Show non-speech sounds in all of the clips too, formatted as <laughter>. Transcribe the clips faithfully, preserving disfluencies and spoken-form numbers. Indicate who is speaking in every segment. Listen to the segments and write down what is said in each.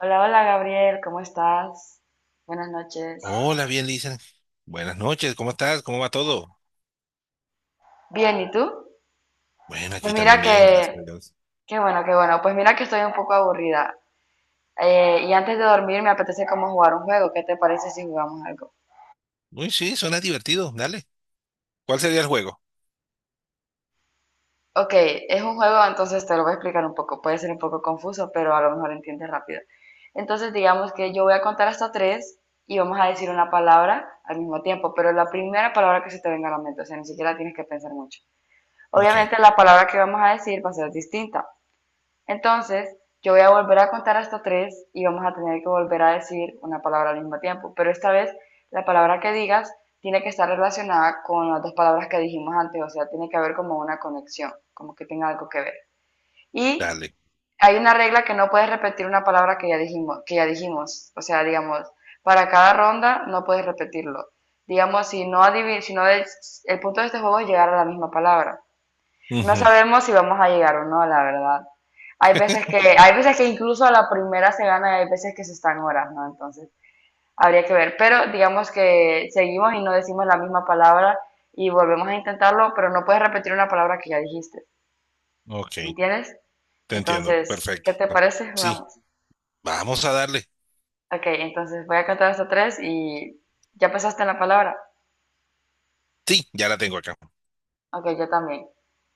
Speaker 1: Hola, hola Gabriel, ¿cómo estás? Buenas noches.
Speaker 2: Hola, bien, dicen. Buenas noches, ¿cómo estás? ¿Cómo va todo?
Speaker 1: Bien, ¿y tú?
Speaker 2: Bueno,
Speaker 1: Pues
Speaker 2: aquí también
Speaker 1: mira
Speaker 2: bien, gracias
Speaker 1: que,
Speaker 2: a Dios.
Speaker 1: qué bueno, qué bueno. Pues mira que estoy un poco aburrida. Eh, y antes de dormir me apetece como jugar un juego. ¿Qué te parece si jugamos algo?
Speaker 2: Uy, sí, suena divertido, dale. ¿Cuál sería el juego?
Speaker 1: Ok, es un juego, entonces te lo voy a explicar un poco. Puede ser un poco confuso, pero a lo mejor entiendes rápido. Entonces digamos que yo voy a contar hasta tres y vamos a decir una palabra al mismo tiempo, pero la primera palabra que se te venga a la mente, o sea, ni siquiera tienes que pensar mucho.
Speaker 2: Ok,
Speaker 1: Obviamente la palabra que vamos a decir va a ser distinta. Entonces, yo voy a volver a contar hasta tres y vamos a tener que volver a decir una palabra al mismo tiempo. Pero esta vez, la palabra que digas tiene que estar relacionada con las dos palabras que dijimos antes, o sea, tiene que haber como una conexión, como que tenga algo que ver. Y
Speaker 2: dale.
Speaker 1: hay una regla que no puedes repetir una palabra que ya dijimos, que ya dijimos, o sea, digamos, para cada ronda no puedes repetirlo. Digamos, si no adiv- si no es- el punto de este juego es llegar a la misma palabra. No
Speaker 2: Ujú,
Speaker 1: sabemos si vamos a llegar o no, la verdad. Hay veces que, hay veces que incluso a la primera se gana y hay veces que se están horas, ¿no? Entonces, habría que ver. Pero digamos que seguimos y no decimos la misma palabra y volvemos a intentarlo, pero no puedes repetir una palabra que ya dijiste.
Speaker 2: ok,
Speaker 1: ¿Me entiendes?
Speaker 2: te entiendo,
Speaker 1: Entonces, ¿qué
Speaker 2: perfecto.
Speaker 1: te parece?
Speaker 2: Sí,
Speaker 1: Jugamos.
Speaker 2: vamos a darle.
Speaker 1: Ok, entonces voy a contar hasta tres y ya pensaste en la palabra.
Speaker 2: Sí, ya la tengo acá.
Speaker 1: Ok, yo también.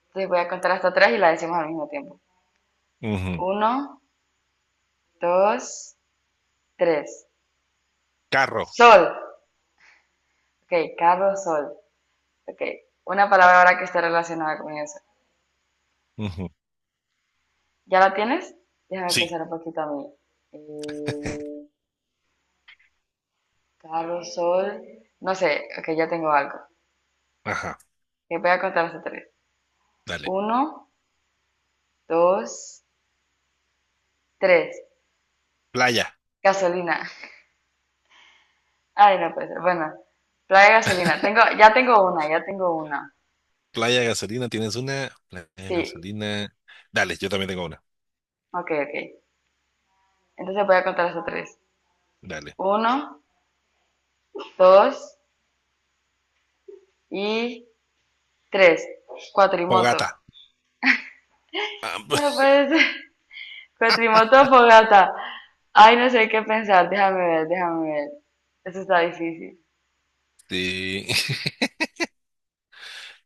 Speaker 1: Entonces voy a contar hasta tres y la decimos al mismo tiempo.
Speaker 2: Ujú,
Speaker 1: Uno, dos, tres.
Speaker 2: carro.
Speaker 1: Sol. Ok, carro, sol. Ok, una palabra ahora que esté relacionada con eso.
Speaker 2: Ujú,
Speaker 1: ¿Ya la tienes? Déjame
Speaker 2: sí,
Speaker 1: pensar un poquito a mí. Eh, carro, sol. No sé, ok, ya tengo algo.
Speaker 2: ajá,
Speaker 1: Que voy a contar hasta tres.
Speaker 2: dale.
Speaker 1: Uno, dos, tres.
Speaker 2: Playa,
Speaker 1: Gasolina. Ay, no puede ser. Bueno, playa de gasolina. Tengo, ya tengo una, ya tengo una.
Speaker 2: playa de gasolina, ¿tienes una? Playa de
Speaker 1: Sí,
Speaker 2: gasolina. Dale, yo también tengo una.
Speaker 1: ok, ok. Entonces voy a contar hasta tres.
Speaker 2: Dale.
Speaker 1: Uno, dos y tres. Cuatrimoto.
Speaker 2: Fogata. Ah,
Speaker 1: No
Speaker 2: <laughs>
Speaker 1: puede ser. Cuatrimoto o fogata. Ay, no sé qué pensar. Déjame ver, déjame ver. Eso está difícil.
Speaker 2: sí.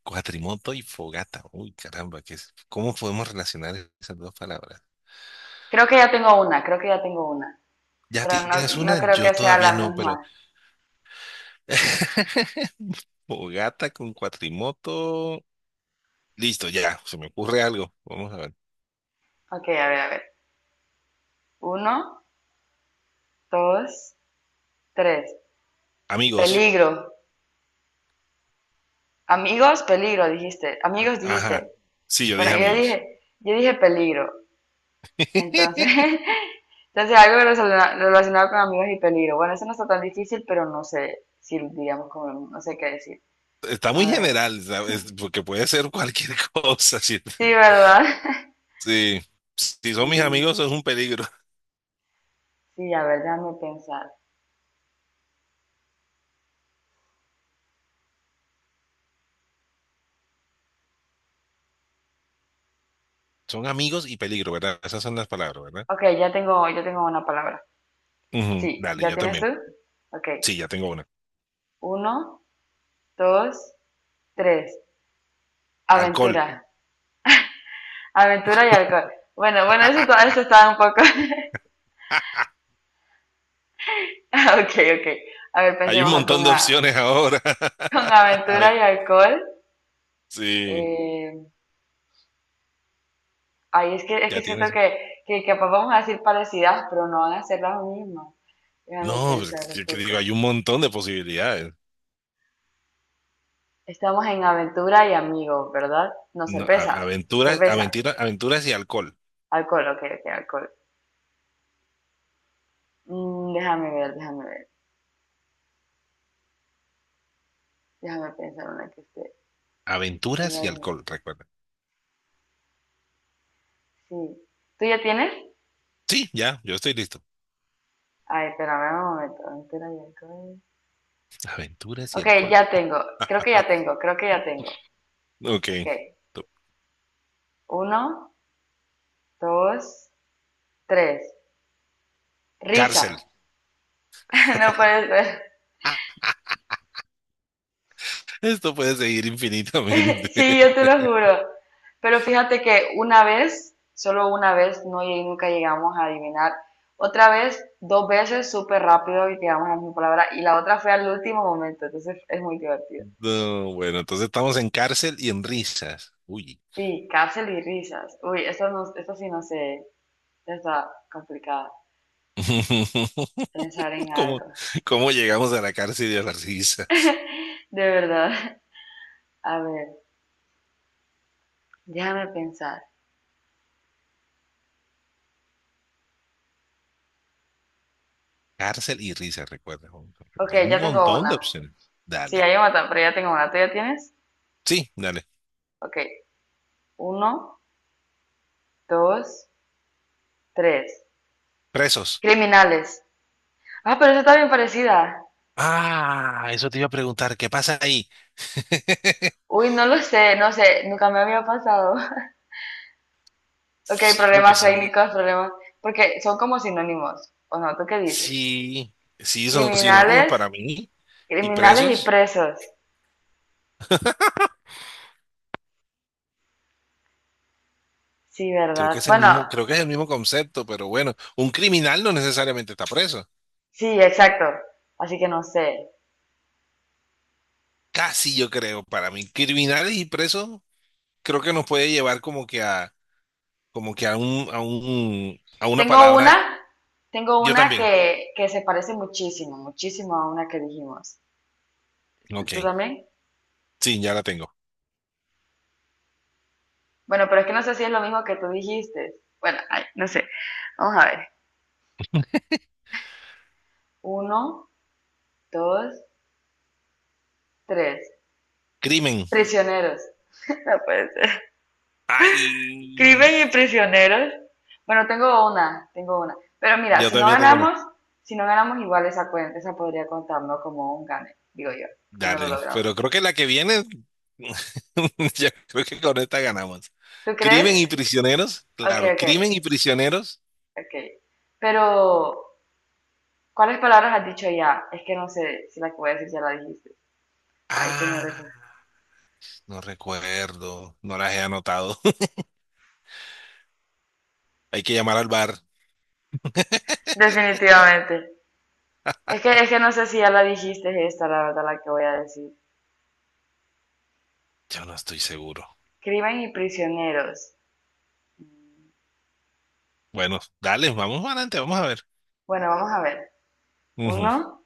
Speaker 2: Cuatrimoto y fogata. Uy, caramba, ¿qué es? ¿Cómo podemos relacionar esas dos palabras?
Speaker 1: Creo que ya tengo una, creo que ya tengo una.
Speaker 2: Ya
Speaker 1: Pero no,
Speaker 2: tienes
Speaker 1: no
Speaker 2: una,
Speaker 1: creo
Speaker 2: yo
Speaker 1: que sea
Speaker 2: todavía
Speaker 1: la
Speaker 2: no, pero
Speaker 1: misma.
Speaker 2: <laughs> fogata con cuatrimoto. Listo, ya, se me ocurre algo. Vamos a ver.
Speaker 1: Ok, a ver, a ver. Uno, dos, tres.
Speaker 2: Amigos.
Speaker 1: Peligro. Amigos, peligro, dijiste.
Speaker 2: A-
Speaker 1: Amigos,
Speaker 2: Ajá.
Speaker 1: dijiste.
Speaker 2: Sí, yo
Speaker 1: Bueno,
Speaker 2: dije
Speaker 1: yo
Speaker 2: amigos.
Speaker 1: dije, yo dije peligro. Entonces,
Speaker 2: <laughs>
Speaker 1: <laughs> entonces algo relacionado con amigos y peligro. Bueno, eso no está tan difícil, pero no sé si digamos como, no sé qué decir.
Speaker 2: Está muy
Speaker 1: A ver.
Speaker 2: general, ¿sabes? Porque puede ser cualquier <laughs> cosa. Sí,
Speaker 1: Sí, ¿verdad? <laughs>
Speaker 2: sí. Si son mis
Speaker 1: Mm,
Speaker 2: amigos, es un peligro.
Speaker 1: sí, a ver, déjame pensar.
Speaker 2: Son amigos y peligro, ¿verdad? Esas son las palabras, ¿verdad?
Speaker 1: Ok, ya tengo, ya tengo una palabra.
Speaker 2: Ujú,
Speaker 1: Sí,
Speaker 2: dale,
Speaker 1: ¿ya
Speaker 2: yo
Speaker 1: tienes tú?
Speaker 2: también.
Speaker 1: Ok,
Speaker 2: Sí, ya tengo una.
Speaker 1: uno, dos, tres.
Speaker 2: Alcohol.
Speaker 1: Aventura. Aventura y alcohol. Bueno, bueno, eso, está-
Speaker 2: <laughs>
Speaker 1: eso está un poco... <laughs> Ah, ok, ok. A ver,
Speaker 2: Hay un
Speaker 1: pensemos
Speaker 2: montón
Speaker 1: con,
Speaker 2: de
Speaker 1: a-
Speaker 2: opciones ahora.
Speaker 1: con
Speaker 2: <laughs> A
Speaker 1: aventura y
Speaker 2: ver,
Speaker 1: alcohol.
Speaker 2: sí,
Speaker 1: Eh, ay, es que, es que
Speaker 2: ya
Speaker 1: siento
Speaker 2: tienes.
Speaker 1: que, que capaz vamos a decir parecidas, pero no van a ser las mismas. Déjame
Speaker 2: No, pues,
Speaker 1: pensar un
Speaker 2: que que
Speaker 1: poco.
Speaker 2: digo, hay un montón de posibilidades.
Speaker 1: Estamos en aventura y amigos, ¿verdad? No,
Speaker 2: No, a-
Speaker 1: cerveza.
Speaker 2: aventuras,
Speaker 1: Cerveza.
Speaker 2: aventura- aventuras y alcohol.
Speaker 1: Alcohol, ok, ok, alcohol. Mm, déjame ver, déjame ver. Déjame pensar una que esté en
Speaker 2: Aventuras
Speaker 1: la
Speaker 2: y
Speaker 1: ciudad.
Speaker 2: alcohol, recuerda.
Speaker 1: Sí. ¿Tú ya tienes?
Speaker 2: Sí, ya, yo estoy listo.
Speaker 1: Ay, espérame un momento. Entera y alcohol.
Speaker 2: Aventuras y
Speaker 1: Ok,
Speaker 2: alcohol.
Speaker 1: ya tengo.
Speaker 2: <laughs>
Speaker 1: Creo que ya tengo, creo que ya tengo.
Speaker 2: Ok,
Speaker 1: Ok.
Speaker 2: tú-
Speaker 1: Uno, dos, tres. Risa.
Speaker 2: Cárcel.
Speaker 1: <laughs> No puede ser.
Speaker 2: Esto puede seguir infinitamente.
Speaker 1: Sí, yo
Speaker 2: <laughs>
Speaker 1: te lo juro. Pero fíjate que una vez, solo una vez, no llegué- nunca llegamos a adivinar. Otra vez, dos veces, súper rápido y llegamos a la misma palabra. Y la otra fue al último momento, entonces es muy divertido.
Speaker 2: No, bueno, entonces estamos en cárcel y en risas. Uy.
Speaker 1: Sí, cárcel y risas. Uy, esto, no, esto sí no sé, está complicado.
Speaker 2: <laughs>
Speaker 1: Pensar en
Speaker 2: ¿Cómo,
Speaker 1: algo.
Speaker 2: cómo llegamos a la cárcel y a las risas?
Speaker 1: De verdad. <laughs> A ver, déjame pensar.
Speaker 2: Cárcel y risa, recuerda.
Speaker 1: Ok,
Speaker 2: Hay un
Speaker 1: ya tengo
Speaker 2: montón de
Speaker 1: una.
Speaker 2: opciones.
Speaker 1: Sí,
Speaker 2: Dale.
Speaker 1: hay una, ta- pero ya tengo una. ¿Tú ya tienes?
Speaker 2: Sí, dale.
Speaker 1: Ok, uno, dos, tres.
Speaker 2: Presos.
Speaker 1: Criminales. Ah, pero esa está bien parecida.
Speaker 2: Ah, eso te iba a preguntar. ¿Qué pasa ahí? <laughs>
Speaker 1: Uy, no lo sé, no sé, nunca me había pasado. <laughs> Ok,
Speaker 2: Sí, porque
Speaker 1: problemas
Speaker 2: son,
Speaker 1: técnicos, problemas, porque son como sinónimos, ¿o no? ¿Tú qué dices?
Speaker 2: sí, sí, son sinónimos
Speaker 1: Criminales,
Speaker 2: para mí. Y
Speaker 1: criminales y
Speaker 2: presos,
Speaker 1: presos. Sí,
Speaker 2: creo que
Speaker 1: ¿verdad?
Speaker 2: es el
Speaker 1: Bueno,
Speaker 2: mismo, creo que es el mismo concepto, pero bueno, un criminal no necesariamente está preso.
Speaker 1: sí, exacto. Así que no sé.
Speaker 2: Casi yo creo, para mí, criminales y presos, creo que nos puede llevar como que a, como que a un, a un, a una
Speaker 1: Tengo una,
Speaker 2: palabra.
Speaker 1: tengo
Speaker 2: Yo
Speaker 1: una
Speaker 2: también.
Speaker 1: que, que se parece muchísimo, muchísimo a una que dijimos.
Speaker 2: Ok,
Speaker 1: ¿Tú también?
Speaker 2: sí, ya la tengo.
Speaker 1: Bueno, pero es que no sé si es lo mismo que tú dijiste. Bueno, ay, no sé. Vamos a ver. Uno, dos, tres.
Speaker 2: Crimen.
Speaker 1: Prisioneros. <laughs> No puede ser.
Speaker 2: Ay,
Speaker 1: Crimen y prisioneros. Bueno, tengo una, tengo una. Pero mira,
Speaker 2: yo
Speaker 1: si no
Speaker 2: también tengo una.
Speaker 1: ganamos, si no ganamos igual esa cuenta, esa podría contarnos como un gane, digo yo, si no lo
Speaker 2: Dale,
Speaker 1: logramos.
Speaker 2: pero creo que la que viene, <laughs> yo creo que con esta ganamos.
Speaker 1: ¿Tú
Speaker 2: Crimen y
Speaker 1: crees?
Speaker 2: prisioneros,
Speaker 1: Ok,
Speaker 2: claro,
Speaker 1: ok.
Speaker 2: crimen y prisioneros.
Speaker 1: Ok. Pero, ¿cuáles palabras has dicho ya? Es que no sé si la que voy a decir ya la dijiste. Ay, es que no
Speaker 2: Ah,
Speaker 1: recuerdo.
Speaker 2: no recuerdo, no las he anotado. <laughs> Hay que llamar al bar.
Speaker 1: Definitivamente. Es que, es que no sé si ya la dijiste esta, la verdad, la que voy a decir.
Speaker 2: Yo no estoy seguro.
Speaker 1: Crimen y prisioneros.
Speaker 2: Bueno, dale, vamos adelante, vamos a ver.
Speaker 1: Bueno, vamos a ver.
Speaker 2: Ujú.
Speaker 1: Uno,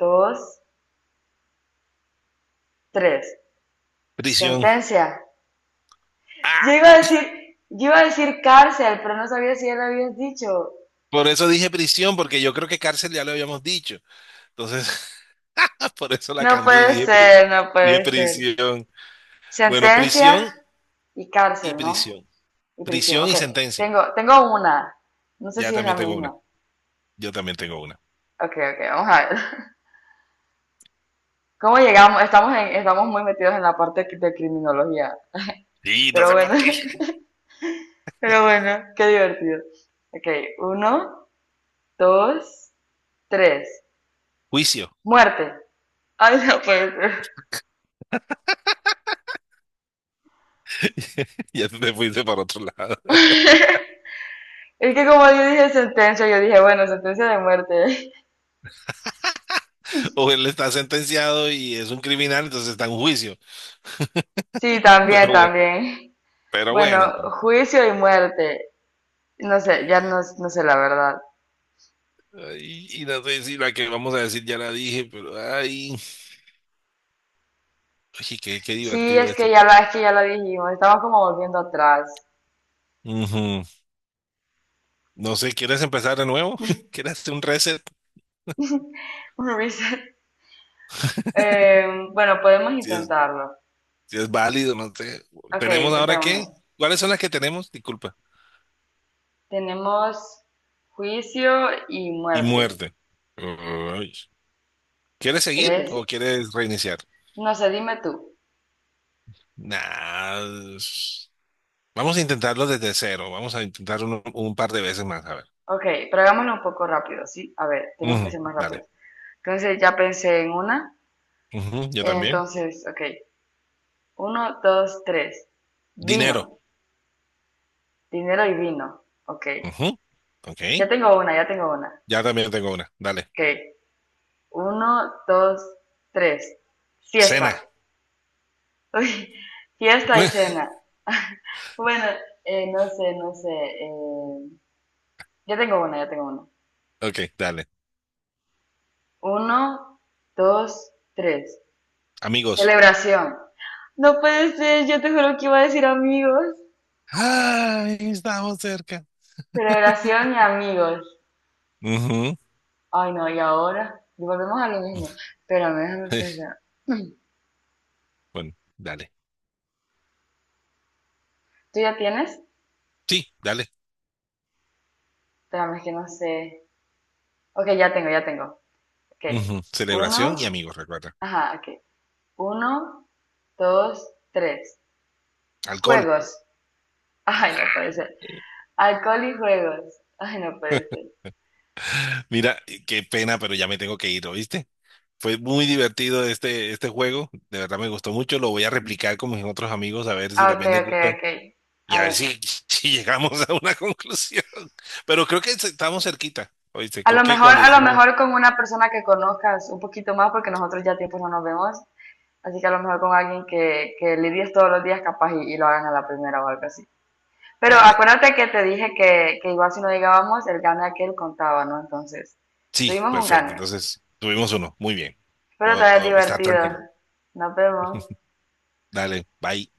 Speaker 1: dos, tres.
Speaker 2: Prisión.
Speaker 1: Sentencia. Yo
Speaker 2: Ah,
Speaker 1: iba a decir, yo iba a decir cárcel, pero no sabía si ya lo habías dicho.
Speaker 2: por eso dije prisión, porque yo creo que cárcel ya lo habíamos dicho. Entonces, <laughs> por eso la
Speaker 1: No
Speaker 2: cambié y
Speaker 1: puede
Speaker 2: dije, pri-
Speaker 1: ser, no
Speaker 2: dije
Speaker 1: puede ser.
Speaker 2: prisión. Bueno,
Speaker 1: Sentencia
Speaker 2: prisión
Speaker 1: y
Speaker 2: y
Speaker 1: cárcel, ¿no?
Speaker 2: prisión.
Speaker 1: Y prisión.
Speaker 2: Prisión
Speaker 1: Ok,
Speaker 2: y sentencia.
Speaker 1: tengo, tengo una. No sé
Speaker 2: Ya
Speaker 1: si es la
Speaker 2: también tengo una.
Speaker 1: misma.
Speaker 2: Yo también tengo una.
Speaker 1: Ok, ok, vamos a ver. <laughs> ¿Cómo llegamos? Estamos, en, estamos muy metidos en la parte de criminología.
Speaker 2: Y no
Speaker 1: Pero
Speaker 2: sé
Speaker 1: bueno,
Speaker 2: por qué.
Speaker 1: <laughs> pero bueno, qué divertido. Ok, uno, dos, tres.
Speaker 2: Juicio.
Speaker 1: Muerte. Ay, no puede ser.
Speaker 2: <laughs> Ya tú te fuiste para otro lado.
Speaker 1: Es que como yo dije sentencia, yo dije, bueno, sentencia de muerte. <laughs>
Speaker 2: O él está sentenciado y es un criminal, entonces está en juicio.
Speaker 1: Sí, también,
Speaker 2: Pero bueno,
Speaker 1: también.
Speaker 2: pero bueno.
Speaker 1: Bueno, juicio y muerte. No sé, ya no, no sé la verdad.
Speaker 2: Ay, Y, no sé si la que vamos a decir ya la dije, pero ay, ay, qué, qué
Speaker 1: Sí,
Speaker 2: divertido
Speaker 1: es que
Speaker 2: esto.
Speaker 1: ya la, es que ya la dijimos, estamos como volviendo atrás.
Speaker 2: Ujú. No sé, ¿quieres empezar de nuevo? <laughs> ¿Quieres hacer un reset?
Speaker 1: Un reset. <laughs> Eh, bueno, podemos
Speaker 2: Si es,
Speaker 1: intentarlo.
Speaker 2: si es válido, no sé.
Speaker 1: Ok,
Speaker 2: ¿Tenemos ahora qué?
Speaker 1: intentémoslo.
Speaker 2: ¿Cuáles son las que tenemos? Disculpa.
Speaker 1: Tenemos juicio y
Speaker 2: Y
Speaker 1: muerte.
Speaker 2: muerte. Ay. ¿Quieres seguir
Speaker 1: Tres.
Speaker 2: o
Speaker 1: Okay.
Speaker 2: quieres reiniciar?
Speaker 1: No sé, dime tú.
Speaker 2: Nah, es- Vamos a intentarlo desde cero. Vamos a intentar un, un par de veces más. A ver.
Speaker 1: Ok, pero hagámoslo un poco rápido, ¿sí? A ver, tenemos que
Speaker 2: Ujú,
Speaker 1: ser más
Speaker 2: dale.
Speaker 1: rápidos. Entonces ya pensé en una.
Speaker 2: Ujú, yo también.
Speaker 1: Entonces, ok. Uno, dos, tres. Vino,
Speaker 2: Dinero.
Speaker 1: dinero y vino. Ok.
Speaker 2: Ujú, ok.
Speaker 1: Ya tengo una, ya tengo una.
Speaker 2: Ya también tengo una. Dale.
Speaker 1: Ok. Uno, dos, tres. Fiesta.
Speaker 2: Cena.
Speaker 1: <laughs> Uy, fiesta y
Speaker 2: <laughs>
Speaker 1: cena. Bueno, eh, no sé, no sé. eh, ya tengo una, ya tengo una.
Speaker 2: Ok, dale.
Speaker 1: Uno, dos, tres.
Speaker 2: Amigos.
Speaker 1: Celebración. No puede ser, yo te juro que iba a decir amigos.
Speaker 2: Ay, estamos cerca.
Speaker 1: Celebración y amigos.
Speaker 2: Ujú.
Speaker 1: Ay, no, y ahora volvemos a lo mismo. Espérame, déjame
Speaker 2: <laughs>
Speaker 1: pensar.
Speaker 2: Bueno, dale.
Speaker 1: ¿Tú ya tienes?
Speaker 2: Sí, dale.
Speaker 1: Espérame, es que no sé. Ok, ya tengo, ya tengo. Ok.
Speaker 2: Ujú, celebración
Speaker 1: Uno,
Speaker 2: y amigos, recuerda.
Speaker 1: ajá, ok. Uno, dos, tres.
Speaker 2: Alcohol.
Speaker 1: Juegos. Ay, no
Speaker 2: <laughs>
Speaker 1: puede ser. Alcohol y juegos. Ay, no puede ser.
Speaker 2: Mira, eh, qué pena, pero ya me tengo que ir, ¿oíste? Fue muy divertido este, este juego, de verdad me gustó mucho, lo voy a replicar con mis otros amigos a ver si
Speaker 1: Ah, ok,
Speaker 2: también les
Speaker 1: ok,
Speaker 2: gusta
Speaker 1: ok.
Speaker 2: y
Speaker 1: A
Speaker 2: a ver
Speaker 1: ver.
Speaker 2: si, <laughs> si llegamos a una <laughs> conclusión. Pero creo que estamos cerquita, ¿oíste?
Speaker 1: A
Speaker 2: Creo
Speaker 1: lo
Speaker 2: que
Speaker 1: mejor,
Speaker 2: cuando
Speaker 1: a lo
Speaker 2: dijimos,
Speaker 1: mejor con una persona que conozcas un poquito más, porque nosotros ya tiempo no nos vemos. Así que a lo mejor con alguien que, que lidies todos los días capaz y, y lo hagan a la primera o algo así. Pero
Speaker 2: dale,
Speaker 1: acuérdate que te dije que, que igual si no llegábamos, el gane aquel contaba, ¿no? Entonces,
Speaker 2: sí,
Speaker 1: tuvimos un
Speaker 2: perfecto,
Speaker 1: gane.
Speaker 2: entonces tuvimos uno, muy bien,
Speaker 1: Espero te
Speaker 2: puedo
Speaker 1: hayas
Speaker 2: estar
Speaker 1: divertido.
Speaker 2: tranquilo,
Speaker 1: Nos vemos.
Speaker 2: dale, bye.